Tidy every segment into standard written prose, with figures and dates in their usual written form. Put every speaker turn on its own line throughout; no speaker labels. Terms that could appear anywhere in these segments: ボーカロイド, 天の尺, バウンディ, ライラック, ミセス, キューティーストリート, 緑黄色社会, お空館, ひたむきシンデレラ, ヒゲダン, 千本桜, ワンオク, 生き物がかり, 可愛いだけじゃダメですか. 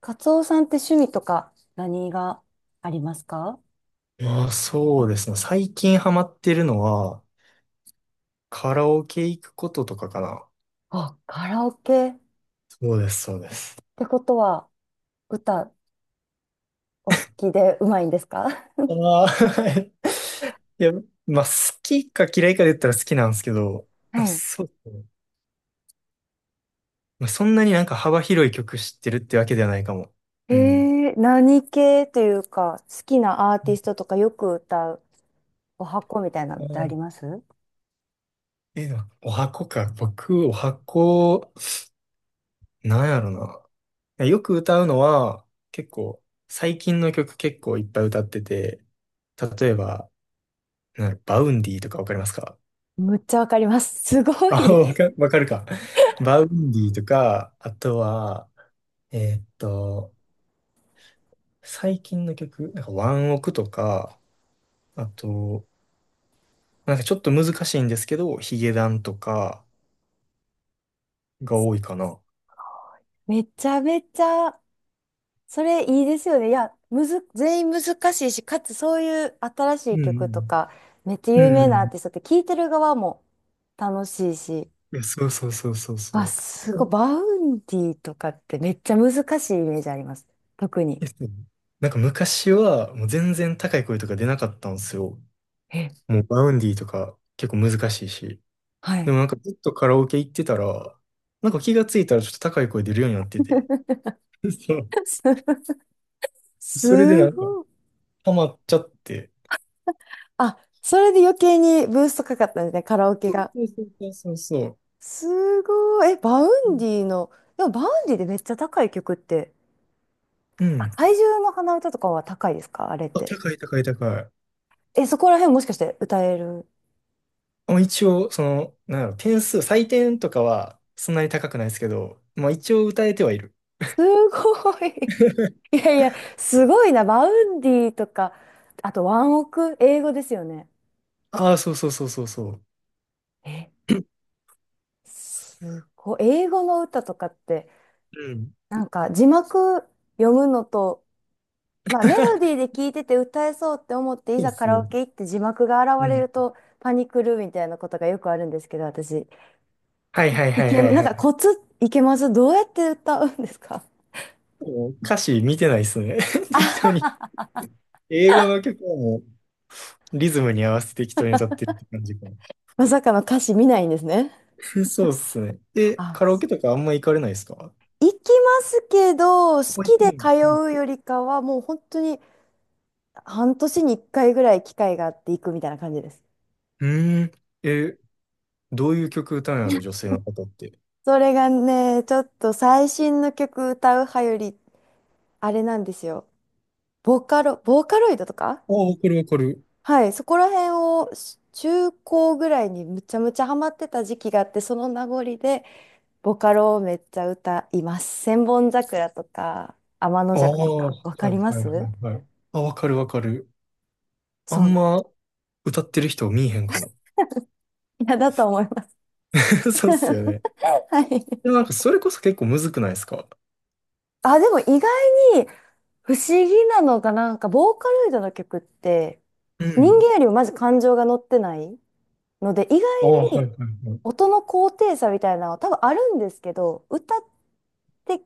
カツオさんって趣味とか何がありますか？
まあ、そうですね。最近ハマってるのは、カラオケ行くこととかかな。
あ、カラオケっ
そうです、そうです。
てことは歌お好きでうまいんですか？
ああ、いや、まあ、好きか嫌いかで言ったら好きなんですけど、
はい。
そうですね。まあ、そんなになんか幅広い曲知ってるってわけではないかも。うん。
何系というか、好きなアーティストとかよく歌う、お箱みたいな
あ
のってあり
ー、
ます？
え、でもお箱か。僕、お箱、なんやろな。よく歌うのは、結構、最近の曲結構いっぱい歌ってて、例えば、なんだろう、バウンディとかわかりますか？
むっちゃわかります。すご
あ、
い。
わかるか。バウンディとか、あとは、えーっと、最近の曲、なんかワンオクとか、あと、なんかちょっと難しいんですけど、ヒゲダンとかが多いかな。
めちゃめちゃ、それいいですよね。いや、むず、全員難しいし、かつそういう新し
う
い曲と
ん
か、めっちゃ
うん。
有
う
名
んう
なアー
ん。
ティストって聴いてる側も楽しいし、
いや、そうそうそうそうそ
あ、
う。
す
え
ごい。バウンディとかってめっちゃ難しいイメージあります。特に。
え、そう、なんか昔はもう全然高い声とか出なかったんですよ。
え、
もうバウンディとか結構難しいし。
は
でも
い。
なんかずっとカラオケ行ってたら、なんか気がついたらちょっと高い声出るようになってて。そう。
す、
それでな
す
んか、
ごい。
ハマっちゃって。
あ、それで余計にブーストかかったんですね、カラオケ
そ
が。
うそうそうそうそ
すごい。え、バウ
う。う
ン
ん。
ディの、でもバウンディでめっちゃ高い曲って、
う
あ
ん。
怪獣の花歌とかは高いですかあれっ
あ、
て。
高い高い高い。
え、そこら辺もしかして歌える？
まあ、一応、その、なんだろう、点数、採点とかはそんなに高くないですけど、まあ一応歌えてはいる。
すごい。いやいや、すごいな。バウンディとか、あとワンオク、英語ですよね。
ああ、そうそうそうそうそう。
えすごい。英語の歌とかって、
うん。
なんか字幕読むのと、まあメ ロ
そ
ディーで聞いてて歌えそうって思って、い
うで
ざカ
す
ラオ
ね。
ケ行って字幕が
う
現れ
ん。
るとパニクるみたいなことがよくあるんですけど、私。
はいはい
い
はい
け、
はい
なん
は
か
い。
コツいけます？どうやって歌うんですか？
もう歌詞見てないっすね。適当
あ、
に。英語の曲はもうリズムに合わせて適当に歌ってるって感じか。
まさかの歌詞見ないんですね。
そうっすね。え、
あ、
カラオケとかあんま行かれないですか？
行きますけど、好
保育
きで
園。
通
うん。
うよりかは、もう本当に半年に1回ぐらい機会があって行くみたいな感じです。
うーん、え、どういう曲歌うんやろ、女性の方って。
それがね、ちょっと最新の曲歌う派より、あれなんですよ。ボカロ、ボーカロイドとか
ああ、わかるわかる。
はい、そこら辺をし中高ぐらいにむちゃむちゃハマってた時期があって、その名残で、ボカロをめっちゃ歌います。千本桜とか、天の
あ
尺と
あ、は
か、わ
い
かりま
はいは
す？
いはい。あ、わかるわかる。あ
そう
ん
なん。
ま歌ってる人見えへんかも。
いや、だと思います。
そうっすよね。
はい。
でもなんかそれこそ結構むずくないですか？
あ、でも意外に不思議なのが、なんか、ボーカロイドの曲って、
う
人
ん。
間よりもまず感情が乗ってないので、意
ああ、
外
はいはいはい。
音の高低差みたいなのは多分あるんですけど、歌って、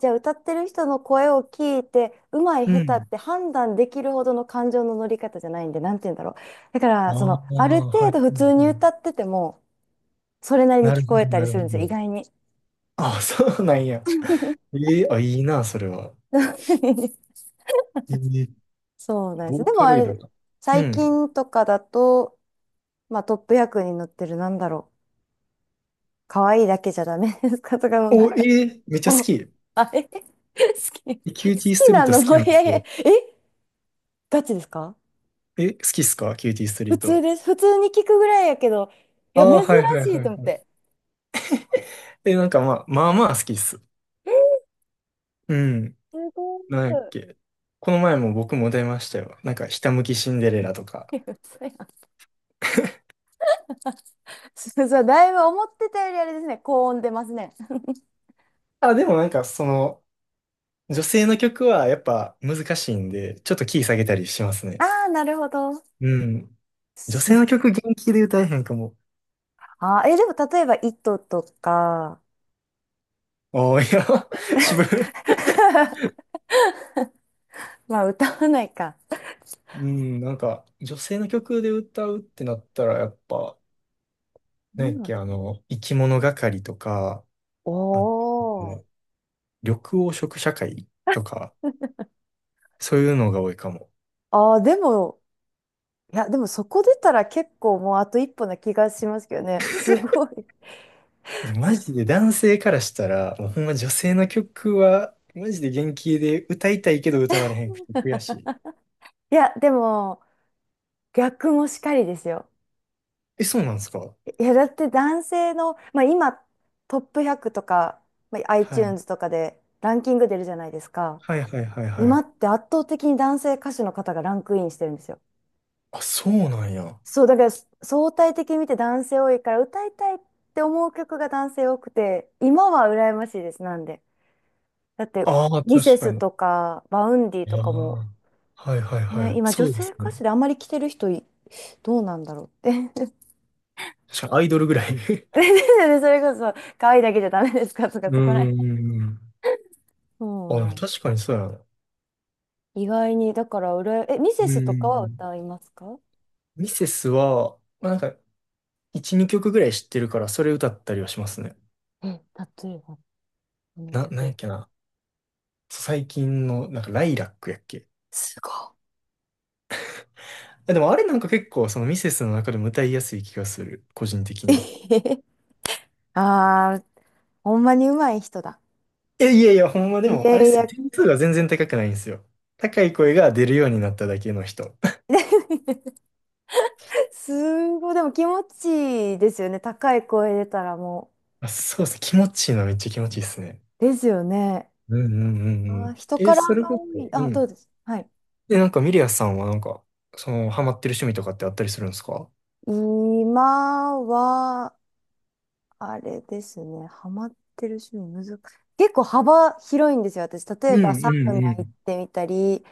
じゃあ歌ってる人の声を聞いて、うまい
う
下手
ん。
って判断できるほどの感情の乗り方じゃないんで、なんて言うんだろう。だから、
あ
そ
あ、は
の、
い
あ
は
る
い
程
はい。
度普通に歌ってても、それなりに
なる
聞
ほ
こ
ど
えたり
なる
す
ほ
るんですよ、意
ど。
外に。
ああ、そうなんや。ええ、あ、いいな、それは。ええ、
そうなんで
ボ
す。
ー
でも
カ
あ
ロイド
れ、
が。う
最
ん。
近とかだと、まあトップ役に載ってるなんだろう。可愛いだけじゃダメですかとかのなん
お、
か、
ええ、めっちゃ好
お、
き。え、
あれ好き、好
キューティース
き
トリー
な
ト好
の
き
もう
なん
い
で
やい
す
や、
よ。
えガチですか？
え、好きっすかキューティーストリ
普
ー
通
ト。
です。普通に聞くぐらいやけど、い
あ
や、
あ、
珍
はいは
し
いは
いと
い
思っ
はい。
て。
え、なんかまあ、まあまあ好きっす。うん。
すごい。
なんやっけ。この前も僕も出ましたよ。なんか、ひたむきシンデレラとか。
いや嘘やん。そうそう、だいぶ思ってたよりあれですね、高音出ますね。
あ、でもなんか、その、女性の曲はやっぱ難しいんで、ちょっとキー下げたりします
あ
ね。
あ、なるほど。
うん。女性
す
の曲元気で歌えへんかも。
あー、え、でも例えば、糸とか、
おー、いや、渋い。
まあ、歌わないか。
うん、なんか、女性の曲で歌うってなったら、やっぱ、なんやっ
お
け、あの、生き物がかりとか、あと
おー。
緑黄色社会とか、そういうのが多いかも。
あー、でも、いや、でもそこ出たら結構もうあと一歩な気がしますけどね。すごい。
マ ジで男性からしたら、もうほんま女性の曲は、マジで元気で歌いたいけど歌われへんくて悔しい。
いや、でも、逆もしかりですよ。
え、そうなんですか？
いや、だって男性の、まあ、今トップ100とか、まあ、
はい。
iTunes とかでランキング出るじゃないですか。
はいはいはいは
今っ
い。
て圧倒的に男性歌手の方がランクインしてるんですよ。
あ、そうなんや。
そう、だから相対的に見て男性多いから歌いたいって思う曲が男性多くて、今は羨ましいです、なんで。だって、
ああ、
ミセ
確か
ス
に。
とか、バウンディと
あ
かも、
あ。はいはいは
ね、
い。
今女
そうで
性
す
歌
ね。
手であんまり来てる人い、どうなんだろうって。
確かにアイドルぐらい。
そ れこそ、可愛いだけじゃダメですかとか、
うー
そこらへん。
ん。
そ
あ、
う
で
な
も
ん
確かにそうやな。う
意外に、だから、うらえ、ミセ
ー
スとかは
ん。
歌いますか？う
ミセスは、まあ、なんか、1、2曲ぐらい知ってるから、それ歌ったりはしますね。
ん、例えば、この
なんやっ
曲。
けな。そう最近の、なんか、ライラックやっけ。
すごい。
あ、でもあれなんか結構、そのミセスの中でも歌いやすい気がする。個人的に。
ああ、ほんまに上手い人だ。
え、いやいや、ほんまで
い
も、
や
あれっ
い
すよ。
や、
点数が全然高くないんですよ。高い声が出るようになっただけの人。
すごい。でも気持ちいいですよね。高い声出たらも
あ、そうっす。気持ちいいのはめっちゃ気持ちいいっすね。
うですよね。
うんうんう
あ
んう
ー、
ん。
人
え、
から
それ
が
こ
多
そ、
い。
う
あ、どう
ん。
です。はい。
で、なんかミリアさんはなんか、その、ハマってる趣味とかってあったりするんですか？
今は、あれですね。ハマってる趣味難しい。結構幅広いんですよ、私。例
う
えばサ
んう
ウ
ん
ナ
う
行っ
ん。
てみたり、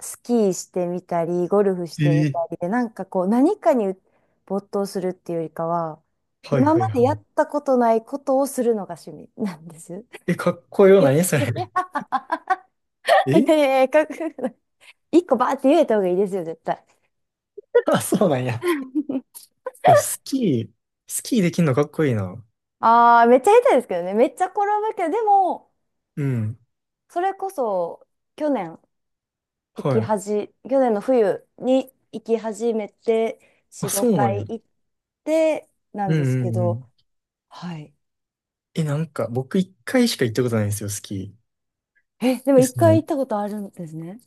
スキーしてみたり、ゴルフしてみた
ええ、
りで、なんかこう、何かに没頭するっていうよりかは、
はい
今
はい
ま
は
で
い。
やったことないことをするのが趣味なんです。
え、かっこよな い？ それ。
い やい
え、
やいや、かっこよくない？一個バーって言えた方がいいですよ、絶対。
あ、そうなんや。えスキー、スキーできんのかっこいいな。
ああ、めっちゃ下手ですけどね。めっちゃ転ぶけど、でも、
うん。
それこそ、去年、行
は
き
い。
はじ、去年の冬に行き始めて、
あ、
4、
そうな
5
んや。
回行って、なん
う
です
んう
け
んう
ど、
ん。
はい。
え、なんか、僕一回しか行ったことないんですよ、スキー。
え、でも
で
一
そ
回
の、
行ったことあるんですね。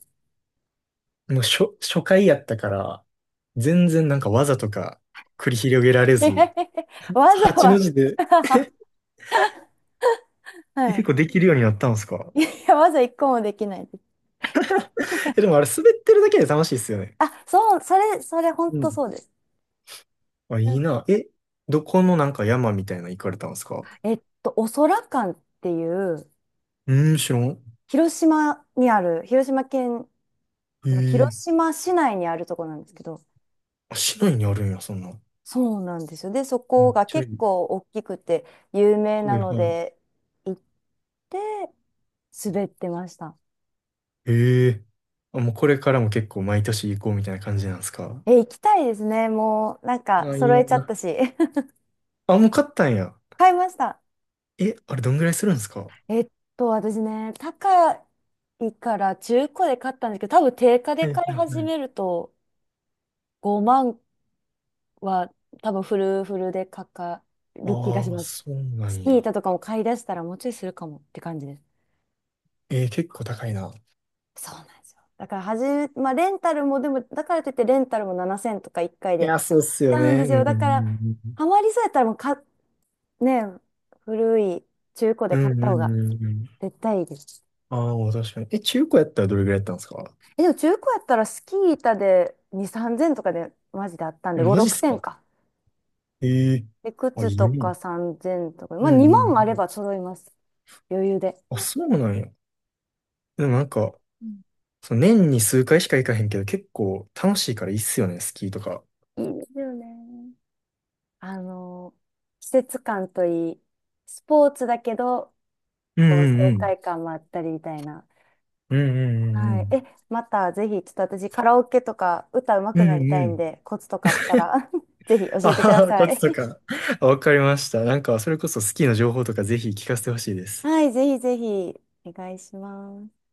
もう初、初回やったから、全然なんか技とか繰り広げら れ
えへへ
ず、
へわざ
8の
わ、
字で、え
は
結
い。
構できるようになったんですか？
いや、わざ一個もできないです。
え、でもあれ滑ってるだけで楽しいっすよね。
あ、そう、それ、本
う
当
ん。
そうです。
あ、い
う
い
ん
な。え、どこのなんか山みたいなの行かれたんですか？
えっと、お空館っていう、
うーん、知らん。
広島にある、広島県
へ
の広
え。
島市内にあるところなんですけど、
あ、市内にあるんや、そんな。
そうなんですよ。で、そ
めっ
こが
ちゃい
結
い。
構大きくて有名
は
な
い
の
はい。
で、行って滑ってました。
へえ。あ、もうこれからも結構毎年行こうみたいな感じなんですか？
え、行きたいですね。もう、なんか、
あ、いい
揃えちゃった
な。
し。
あ、もう買ったんや。
買いました。
え、あれどんぐらいするんですか？は
えっ私ね、高いから中古で買ったんですけど、多分定価
い
で
はい
買い始
はい。
めると5万は多分フルフルでかかる気がし
ああー、
ます。
そうな
ス
ん
キー
や。
板とかも買い出したらもうちょいするかもって感じです。
えー、結構高いな。
そうなんですよ。だからはじめ、まあレンタルもでも、だからといってレンタルも7,000とか1回
い
で
や、そうっすよ
買うん
ね。
で
う
す
ん
よ。
う
だから、
ん
ハマりそうやったらもうか、ね、古い中古
う
で
ん
買っ
うん。
た
う
方
ん
が
うんうんうん。
絶対いいです。
ああ、確かに。え、中古やったらどれぐらいやったんですか？
え、でも中古やったらスキー板で2、3,000とかでマジであったん
え
で、5、
マジっすか？
6,000か。
ええ、
で、
あ、
靴
いいな。う
とか
ん
3,000とか、ま
う
あ
んう
2
ん。
万あれば揃います。余裕で。
あ、そうなんや。で
う
もなんか、
ん
その年に数回しか行かへんけど、結構楽しいからいいっすよね、スキーとか。
いいでねすよね。あのー季節感といい、スポーツだけど、
うん
こ
う
う
ん
爽
うん。
快感もあったりみたいな。
うんうんうんう
はい。
ん。
え、またぜひ、ちょっと私カラオケとか歌うま
う
く
ん
なりた
う
いん
ん。
で、コツとかあったら ぜひ教
あ
えてくだ
はは、コ
さ
ツと
い。
か。あ、わかりました。なんか、それこそスキーの情報とかぜひ聞かせてほしいで す。
はい、ぜひぜひ、お願いします。